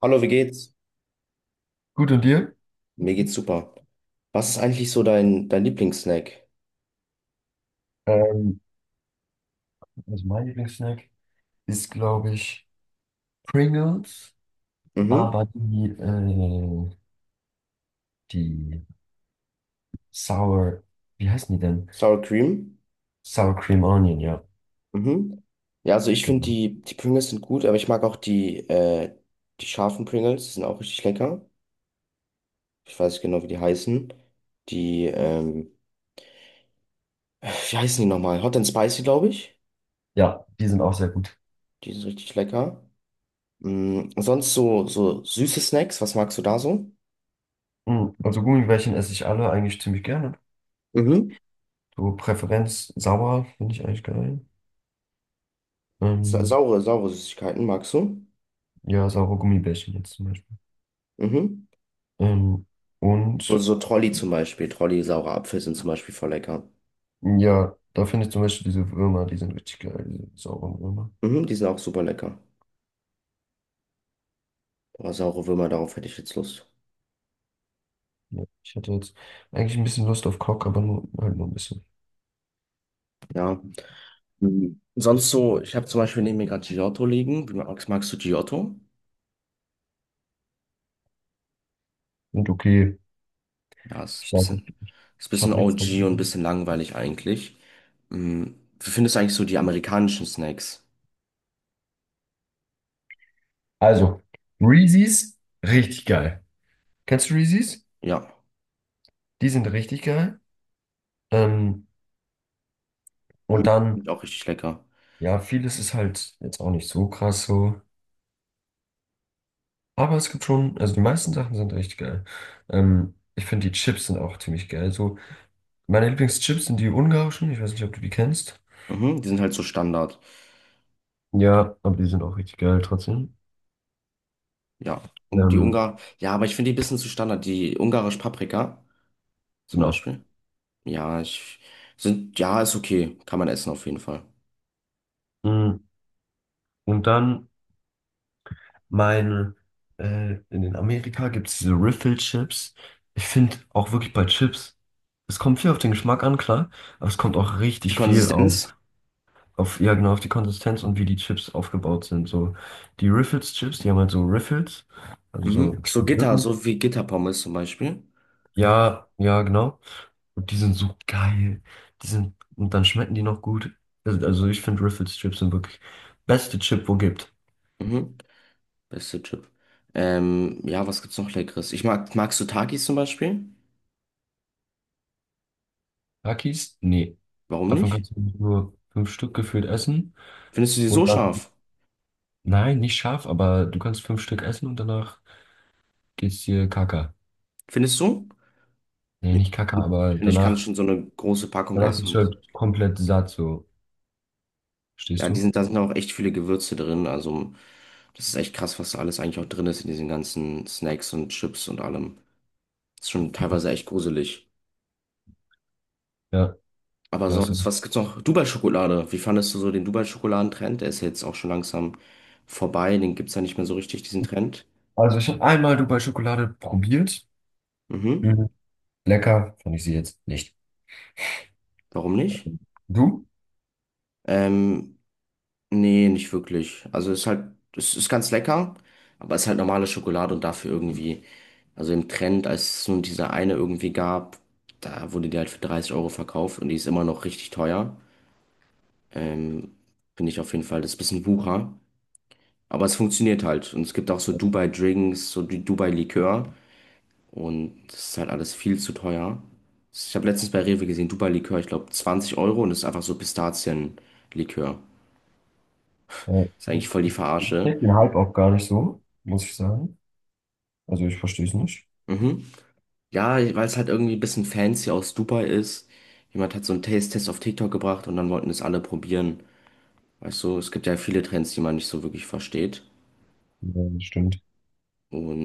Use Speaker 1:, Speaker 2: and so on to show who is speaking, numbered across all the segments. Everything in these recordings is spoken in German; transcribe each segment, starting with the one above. Speaker 1: Hallo, wie geht's?
Speaker 2: Gut, und dir?
Speaker 1: Mir geht's super. Was ist eigentlich so dein Lieblingssnack?
Speaker 2: Ähm, also mein Lieblingssnack ist, glaube ich, Pringles,
Speaker 1: Mhm.
Speaker 2: aber die die Sour, wie heißen die denn?
Speaker 1: Sour Cream?
Speaker 2: Sour Cream Onion, ja,
Speaker 1: Mhm. Ja, also ich finde
Speaker 2: genau.
Speaker 1: die Pringles sind gut, aber ich mag auch die scharfen Pringles, die sind auch richtig lecker. Ich weiß nicht genau, wie die heißen. Die, ähm, wie heißen die nochmal? Hot and Spicy, glaube ich.
Speaker 2: Ja, die sind auch sehr gut.
Speaker 1: Die sind richtig lecker. Mhm. Sonst so süße Snacks, was magst du da so?
Speaker 2: Also Gummibärchen esse ich alle eigentlich ziemlich gerne.
Speaker 1: Mhm.
Speaker 2: So Präferenz sauer finde ich eigentlich geil.
Speaker 1: Sa
Speaker 2: Ähm,
Speaker 1: saure, saure Süßigkeiten magst du?
Speaker 2: ja, saure Gummibärchen jetzt zum Beispiel.
Speaker 1: Mhm.
Speaker 2: Ähm,
Speaker 1: So,
Speaker 2: und
Speaker 1: so Trolli zum Beispiel. Trolli, saure Apfel sind zum Beispiel voll lecker.
Speaker 2: ja, da finde ich zum Beispiel diese Würmer, die sind richtig geil, diese sauren Würmer.
Speaker 1: Mhm, die sind auch super lecker. Aber saure Würmer, darauf hätte ich jetzt Lust.
Speaker 2: Ja, ich hätte jetzt eigentlich ein bisschen Lust auf Cock, aber nur, halt nur ein bisschen.
Speaker 1: Ja. Mhm. Sonst so, ich habe zum Beispiel neben mir gerade Giotto liegen. Wie magst du Giotto?
Speaker 2: Und okay,
Speaker 1: Ja, ist
Speaker 2: ich
Speaker 1: ein
Speaker 2: sag euch,
Speaker 1: bisschen,
Speaker 2: ich,
Speaker 1: ist ein
Speaker 2: ich
Speaker 1: bisschen
Speaker 2: habe nichts
Speaker 1: OG und ein
Speaker 2: dagegen.
Speaker 1: bisschen langweilig eigentlich. Mhm. Wie findest du eigentlich so die amerikanischen Snacks?
Speaker 2: Also, Reese's, richtig geil. Kennst du Reese's?
Speaker 1: Ja,
Speaker 2: Die sind richtig geil. Ähm, und
Speaker 1: Reese
Speaker 2: dann,
Speaker 1: sind auch richtig lecker.
Speaker 2: ja, vieles ist halt jetzt auch nicht so krass so. Aber es gibt schon, also die meisten Sachen sind richtig geil. Ich finde, die Chips sind auch ziemlich geil. So, meine Lieblingschips sind die ungarischen. Ich weiß nicht, ob du die kennst.
Speaker 1: Mhm, die sind halt so Standard.
Speaker 2: Ja, aber die sind auch richtig geil trotzdem.
Speaker 1: Ja. Und
Speaker 2: Ähm,
Speaker 1: Ja, aber ich finde die ein bisschen zu Standard. Die ungarische Paprika zum
Speaker 2: genau.
Speaker 1: Beispiel. Ja, ja, ist okay. Kann man essen auf jeden Fall.
Speaker 2: Mm. Und dann meine, in den Amerika gibt es diese Riffle-Chips. Ich finde auch wirklich bei Chips, es kommt viel auf den Geschmack an, klar, aber es kommt auch
Speaker 1: Die
Speaker 2: richtig viel
Speaker 1: Konsistenz?
Speaker 2: auf, ja genau, auf die Konsistenz und wie die Chips aufgebaut sind. So, die Riffles-Chips, die haben halt so Riffles, also so
Speaker 1: Mhm. So
Speaker 2: kleine
Speaker 1: Gitter,
Speaker 2: Lücken.
Speaker 1: so wie Gitterpommes zum Beispiel.
Speaker 2: Ja, ja, genau. Und die sind so geil. Die sind, und dann schmecken die noch gut. Also ich finde Riffles-Chips sind wirklich beste Chip, wo gibt.
Speaker 1: Mhm. Beste Chip. Ja, was gibt's noch Leckeres? Magst du Takis zum Beispiel?
Speaker 2: Takis? Nee.
Speaker 1: Warum
Speaker 2: Davon
Speaker 1: nicht?
Speaker 2: kannst du nur fünf Stück gefühlt essen.
Speaker 1: Findest du die so
Speaker 2: Und dann,
Speaker 1: scharf?
Speaker 2: nein, nicht scharf, aber du kannst fünf Stück essen und danach geht's dir Kaka.
Speaker 1: Findest du?
Speaker 2: Nee,
Speaker 1: Nee.
Speaker 2: nicht Kaka,
Speaker 1: Ich
Speaker 2: aber
Speaker 1: finde, ich kann
Speaker 2: danach,
Speaker 1: schon so eine große Packung
Speaker 2: danach
Speaker 1: essen.
Speaker 2: bist du
Speaker 1: Und
Speaker 2: halt komplett satt, so.
Speaker 1: ja,
Speaker 2: Stehst du?
Speaker 1: da sind auch echt viele Gewürze drin. Also, das ist echt krass, was da alles eigentlich auch drin ist in diesen ganzen Snacks und Chips und allem. Ist schon teilweise echt gruselig.
Speaker 2: Ja,
Speaker 1: Aber
Speaker 2: war's.
Speaker 1: sonst, was gibt's noch? Dubai-Schokolade. Wie fandest du so den Dubai-Schokoladentrend? Der ist ja jetzt auch schon langsam vorbei. Den gibt's ja nicht mehr so richtig, diesen Trend.
Speaker 2: Also ich habe einmal Dubai Schokolade probiert.
Speaker 1: Mhm.
Speaker 2: Mhm. Lecker, fand ich sie jetzt nicht.
Speaker 1: Warum nicht?
Speaker 2: Du?
Speaker 1: Ähm, nee, nicht wirklich. Also ist halt, es ist ganz lecker, aber es ist halt normale Schokolade und dafür irgendwie, also im Trend, als es nur diese eine irgendwie gab, da wurde die halt für 30 € verkauft und die ist immer noch richtig teuer. Ähm, finde ich auf jeden Fall, das ist ein bisschen Wucher. Aber es funktioniert halt. Und es gibt auch so Dubai-Drinks, so die Dubai-Likör. Und das ist halt alles viel zu teuer. Ich habe letztens bei Rewe gesehen, Dubai-Likör, ich glaube 20 € und das ist einfach so Pistazien-Likör.
Speaker 2: Ja.
Speaker 1: Ist eigentlich voll die
Speaker 2: Ich
Speaker 1: Verarsche.
Speaker 2: check den Hype auch gar nicht so, muss ich sagen. Also ich verstehe es nicht.
Speaker 1: Mhm. Ja, weil es halt irgendwie ein bisschen fancy aus Dubai ist. Jemand hat so einen Taste-Test auf TikTok gebracht und dann wollten es alle probieren. Weißt du, es gibt ja viele Trends, die man nicht so wirklich versteht.
Speaker 2: Ja, das stimmt.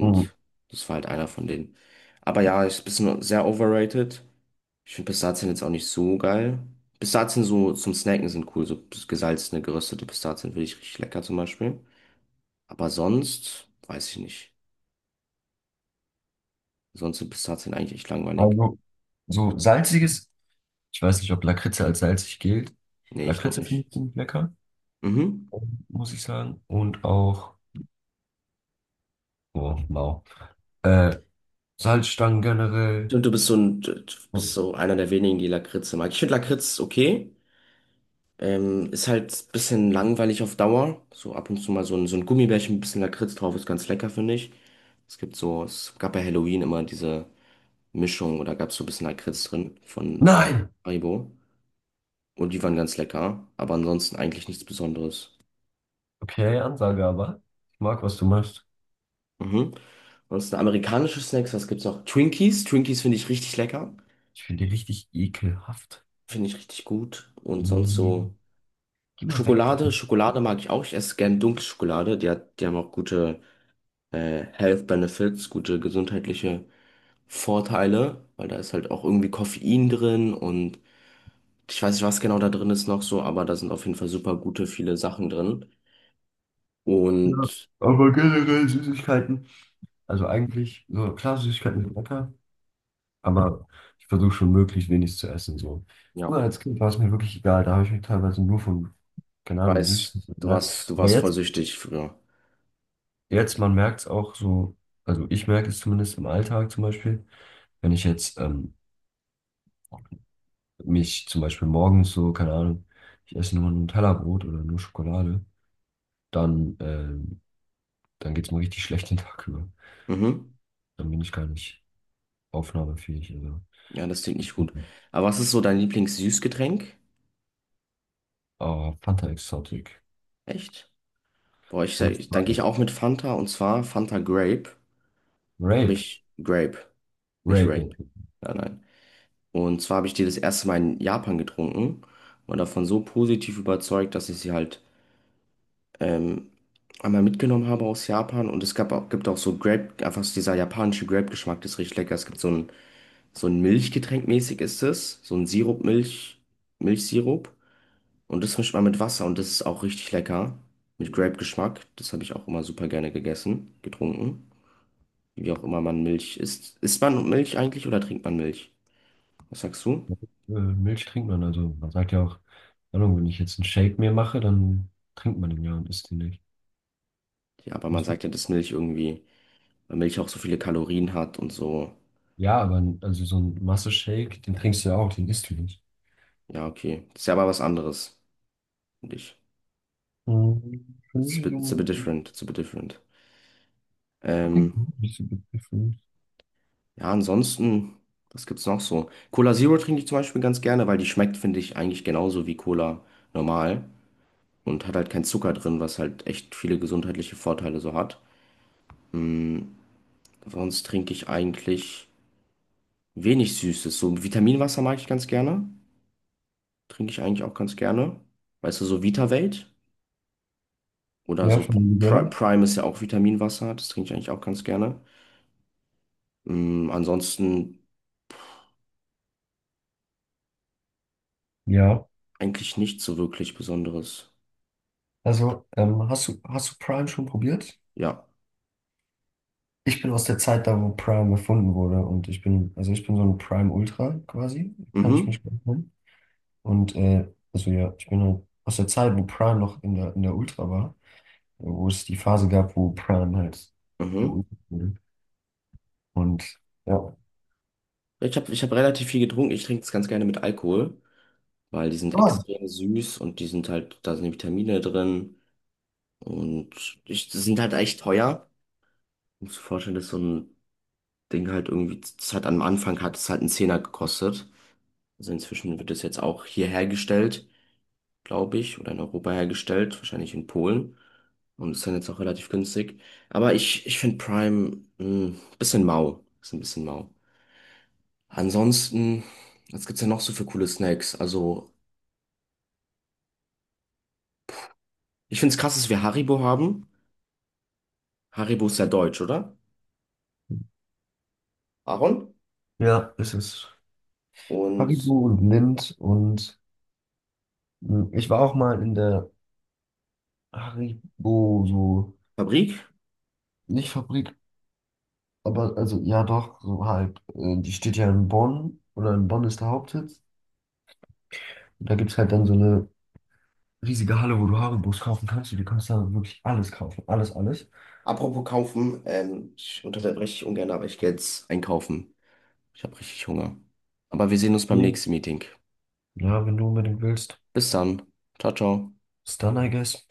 Speaker 2: Mhm.
Speaker 1: das war halt einer von denen. Aber ja, ist ein bisschen sehr overrated. Ich finde Pistazien jetzt auch nicht so geil. Pistazien so zum Snacken sind cool, so gesalzene, geröstete Pistazien finde ich richtig lecker zum Beispiel. Aber sonst weiß ich nicht. Sonst sind Pistazien eigentlich echt langweilig.
Speaker 2: Also so salziges. Ich weiß nicht, ob Lakritze als salzig gilt.
Speaker 1: Nee, ich glaube
Speaker 2: Lakritze finde
Speaker 1: nicht.
Speaker 2: ich ziemlich lecker,
Speaker 1: Mhm.
Speaker 2: muss ich sagen. Und auch, oh, mau. Äh, Salzstangen generell.
Speaker 1: Und du bist
Speaker 2: Oh,
Speaker 1: so einer der wenigen, die Lakritze mag. Ich finde Lakritz okay. Ist halt ein bisschen langweilig auf Dauer. So ab und zu mal so ein Gummibärchen, ein bisschen Lakritz drauf, ist ganz lecker, finde ich. Es gab bei Halloween immer diese. Mischung oder gab es so ein bisschen Lakritz drin von
Speaker 2: nein!
Speaker 1: Haribo. Und die waren ganz lecker, aber ansonsten eigentlich nichts Besonderes.
Speaker 2: Okay, Ansage aber. Ich mag, was du machst.
Speaker 1: Mhm. Ansonsten amerikanische Snacks, was gibt's noch? Twinkies. Twinkies finde ich richtig lecker.
Speaker 2: Ich finde die richtig ekelhaft.
Speaker 1: Finde ich richtig gut. Und sonst
Speaker 2: Nee.
Speaker 1: so
Speaker 2: Geh mal weg, Digga.
Speaker 1: Schokolade. Schokolade mag ich auch. Ich esse gern dunkle Schokolade. Die haben auch gute Health Benefits, gute gesundheitliche Vorteile, weil da ist halt auch irgendwie Koffein drin und ich weiß nicht, was genau da drin ist noch so, aber da sind auf jeden Fall super gute viele Sachen drin.
Speaker 2: Ja,
Speaker 1: Und
Speaker 2: aber generell Süßigkeiten. Also eigentlich, so klar, Süßigkeiten sind lecker. Aber ich versuche schon möglichst wenig zu essen. So.
Speaker 1: ja.
Speaker 2: Früher als Kind war es mir wirklich egal. Da habe ich mich teilweise nur von,
Speaker 1: Ich
Speaker 2: keine Ahnung,
Speaker 1: weiß,
Speaker 2: Süßigkeiten
Speaker 1: du
Speaker 2: ernährt.
Speaker 1: warst, du
Speaker 2: Aber
Speaker 1: warst voll
Speaker 2: jetzt,
Speaker 1: süchtig früher.
Speaker 2: jetzt, man merkt es auch so, also ich merke es zumindest im Alltag zum Beispiel, wenn ich jetzt mich zum Beispiel morgens so, keine Ahnung, ich esse nur ein Tellerbrot oder nur Schokolade, dann, dann geht es mir richtig schlecht den Tag über.
Speaker 1: Mhm.
Speaker 2: Dann bin ich gar nicht aufnahmefähig. Also.
Speaker 1: Ja, das klingt nicht gut.
Speaker 2: Mhm.
Speaker 1: Aber was ist so dein Lieblings-Süßgetränk?
Speaker 2: Oh, Fanta Exotic.
Speaker 1: Echt? Boah,
Speaker 2: Und zwar
Speaker 1: dann gehe ich auch mit Fanta und zwar Fanta Grape. Habe
Speaker 2: Rape.
Speaker 1: ich Grape, nicht
Speaker 2: Rape.
Speaker 1: Rape. Nein, nein. Und zwar habe ich die das erste Mal in Japan getrunken und davon so positiv überzeugt, dass ich sie halt ähm, einmal mitgenommen habe aus Japan. Und gibt auch so Grape, einfach so dieser japanische Grape-Geschmack, das ist richtig lecker. Es gibt so einen So ein Milchgetränk mäßig ist es. So ein Sirup, Milch, Milchsirup. Und das mischt man mit Wasser und das ist auch richtig lecker. Mit Grape-Geschmack. Das habe ich auch immer super gerne gegessen, getrunken. Wie auch immer man Milch isst. Isst man Milch eigentlich oder trinkt man Milch? Was sagst du?
Speaker 2: Äh, Milch trinkt man, also man sagt ja auch, keine Ahnung, wenn ich jetzt einen Shake mir mache, dann trinkt man den ja und isst den nicht.
Speaker 1: Ja, aber man
Speaker 2: Siehst du?
Speaker 1: sagt ja, dass Milch irgendwie, weil Milch auch so viele Kalorien hat und so.
Speaker 2: Ja, aber n- also so ein Masse-Shake, den trinkst du ja auch, den isst du nicht.
Speaker 1: Ja, okay. Das ist ja aber was anderes, finde ich.
Speaker 2: Für mich ist so
Speaker 1: It's a bit
Speaker 2: ein
Speaker 1: different, it's a bit different. Ähm,
Speaker 2: Trinken nicht so begriffen.
Speaker 1: Ja, ansonsten, was gibt's noch so? Cola Zero trinke ich zum Beispiel ganz gerne, weil die schmeckt, finde ich, eigentlich genauso wie Cola normal und hat halt keinen Zucker drin, was halt echt viele gesundheitliche Vorteile so hat. Mm, sonst trinke ich eigentlich wenig Süßes. So Vitaminwasser mag ich ganz gerne. Trinke ich eigentlich auch ganz gerne. Weißt du, so Vitavelt oder
Speaker 2: Ja,
Speaker 1: so
Speaker 2: von dem
Speaker 1: Pri
Speaker 2: Nutella?
Speaker 1: Prime ist ja auch Vitaminwasser. Das trinke ich eigentlich auch ganz gerne. Ansonsten
Speaker 2: Ja.
Speaker 1: eigentlich nichts so wirklich Besonderes.
Speaker 2: Hast du Prime schon probiert?
Speaker 1: Ja.
Speaker 2: Ich bin aus der Zeit da, wo Prime erfunden wurde und also ich bin so ein Prime Ultra quasi, kann ich
Speaker 1: Mhm.
Speaker 2: mich gut nennen. Und also ja, ich bin halt aus der Zeit, wo Prime noch in der Ultra war. Wo es die Phase gab, wo Prime halt
Speaker 1: Mhm.
Speaker 2: geultet wurde. Und ja.
Speaker 1: Ich hab relativ viel getrunken. Ich trinke es ganz gerne mit Alkohol, weil die sind
Speaker 2: Ah,
Speaker 1: extrem süß und da sind die Vitamine drin und die sind halt echt teuer. Ich muss mir vorstellen, dass so ein Ding halt irgendwie, das hat am Anfang hat es halt einen Zehner gekostet. Also inzwischen wird es jetzt auch hier hergestellt, glaube ich, oder in Europa hergestellt, wahrscheinlich in Polen. Und ist dann jetzt auch relativ günstig. Aber ich finde Prime ein bisschen mau. Ist ein bisschen mau. Ansonsten, was gibt's denn noch so für coole Snacks? Also. Ich finde es krass, dass wir Haribo haben. Haribo ist ja deutsch, oder? Aaron?
Speaker 2: ja, es ist
Speaker 1: Und
Speaker 2: Haribo und Lindt und mh, ich war auch mal in der Haribo, so,
Speaker 1: Fabrik?
Speaker 2: nicht Fabrik, aber also ja doch, so halt, die steht ja in Bonn oder in Bonn ist der Hauptsitz. Und da gibt es halt dann so eine riesige Halle, wo du Haribos kaufen kannst und du kannst da wirklich alles kaufen, alles, alles.
Speaker 1: Apropos kaufen, ich unterbreche dich ungern, aber ich gehe jetzt einkaufen. Ich habe richtig Hunger. Aber wir sehen uns beim
Speaker 2: Mhm.
Speaker 1: nächsten Meeting.
Speaker 2: Ja, wenn du unbedingt willst.
Speaker 1: Bis dann. Ciao, ciao.
Speaker 2: Ist dann, I guess.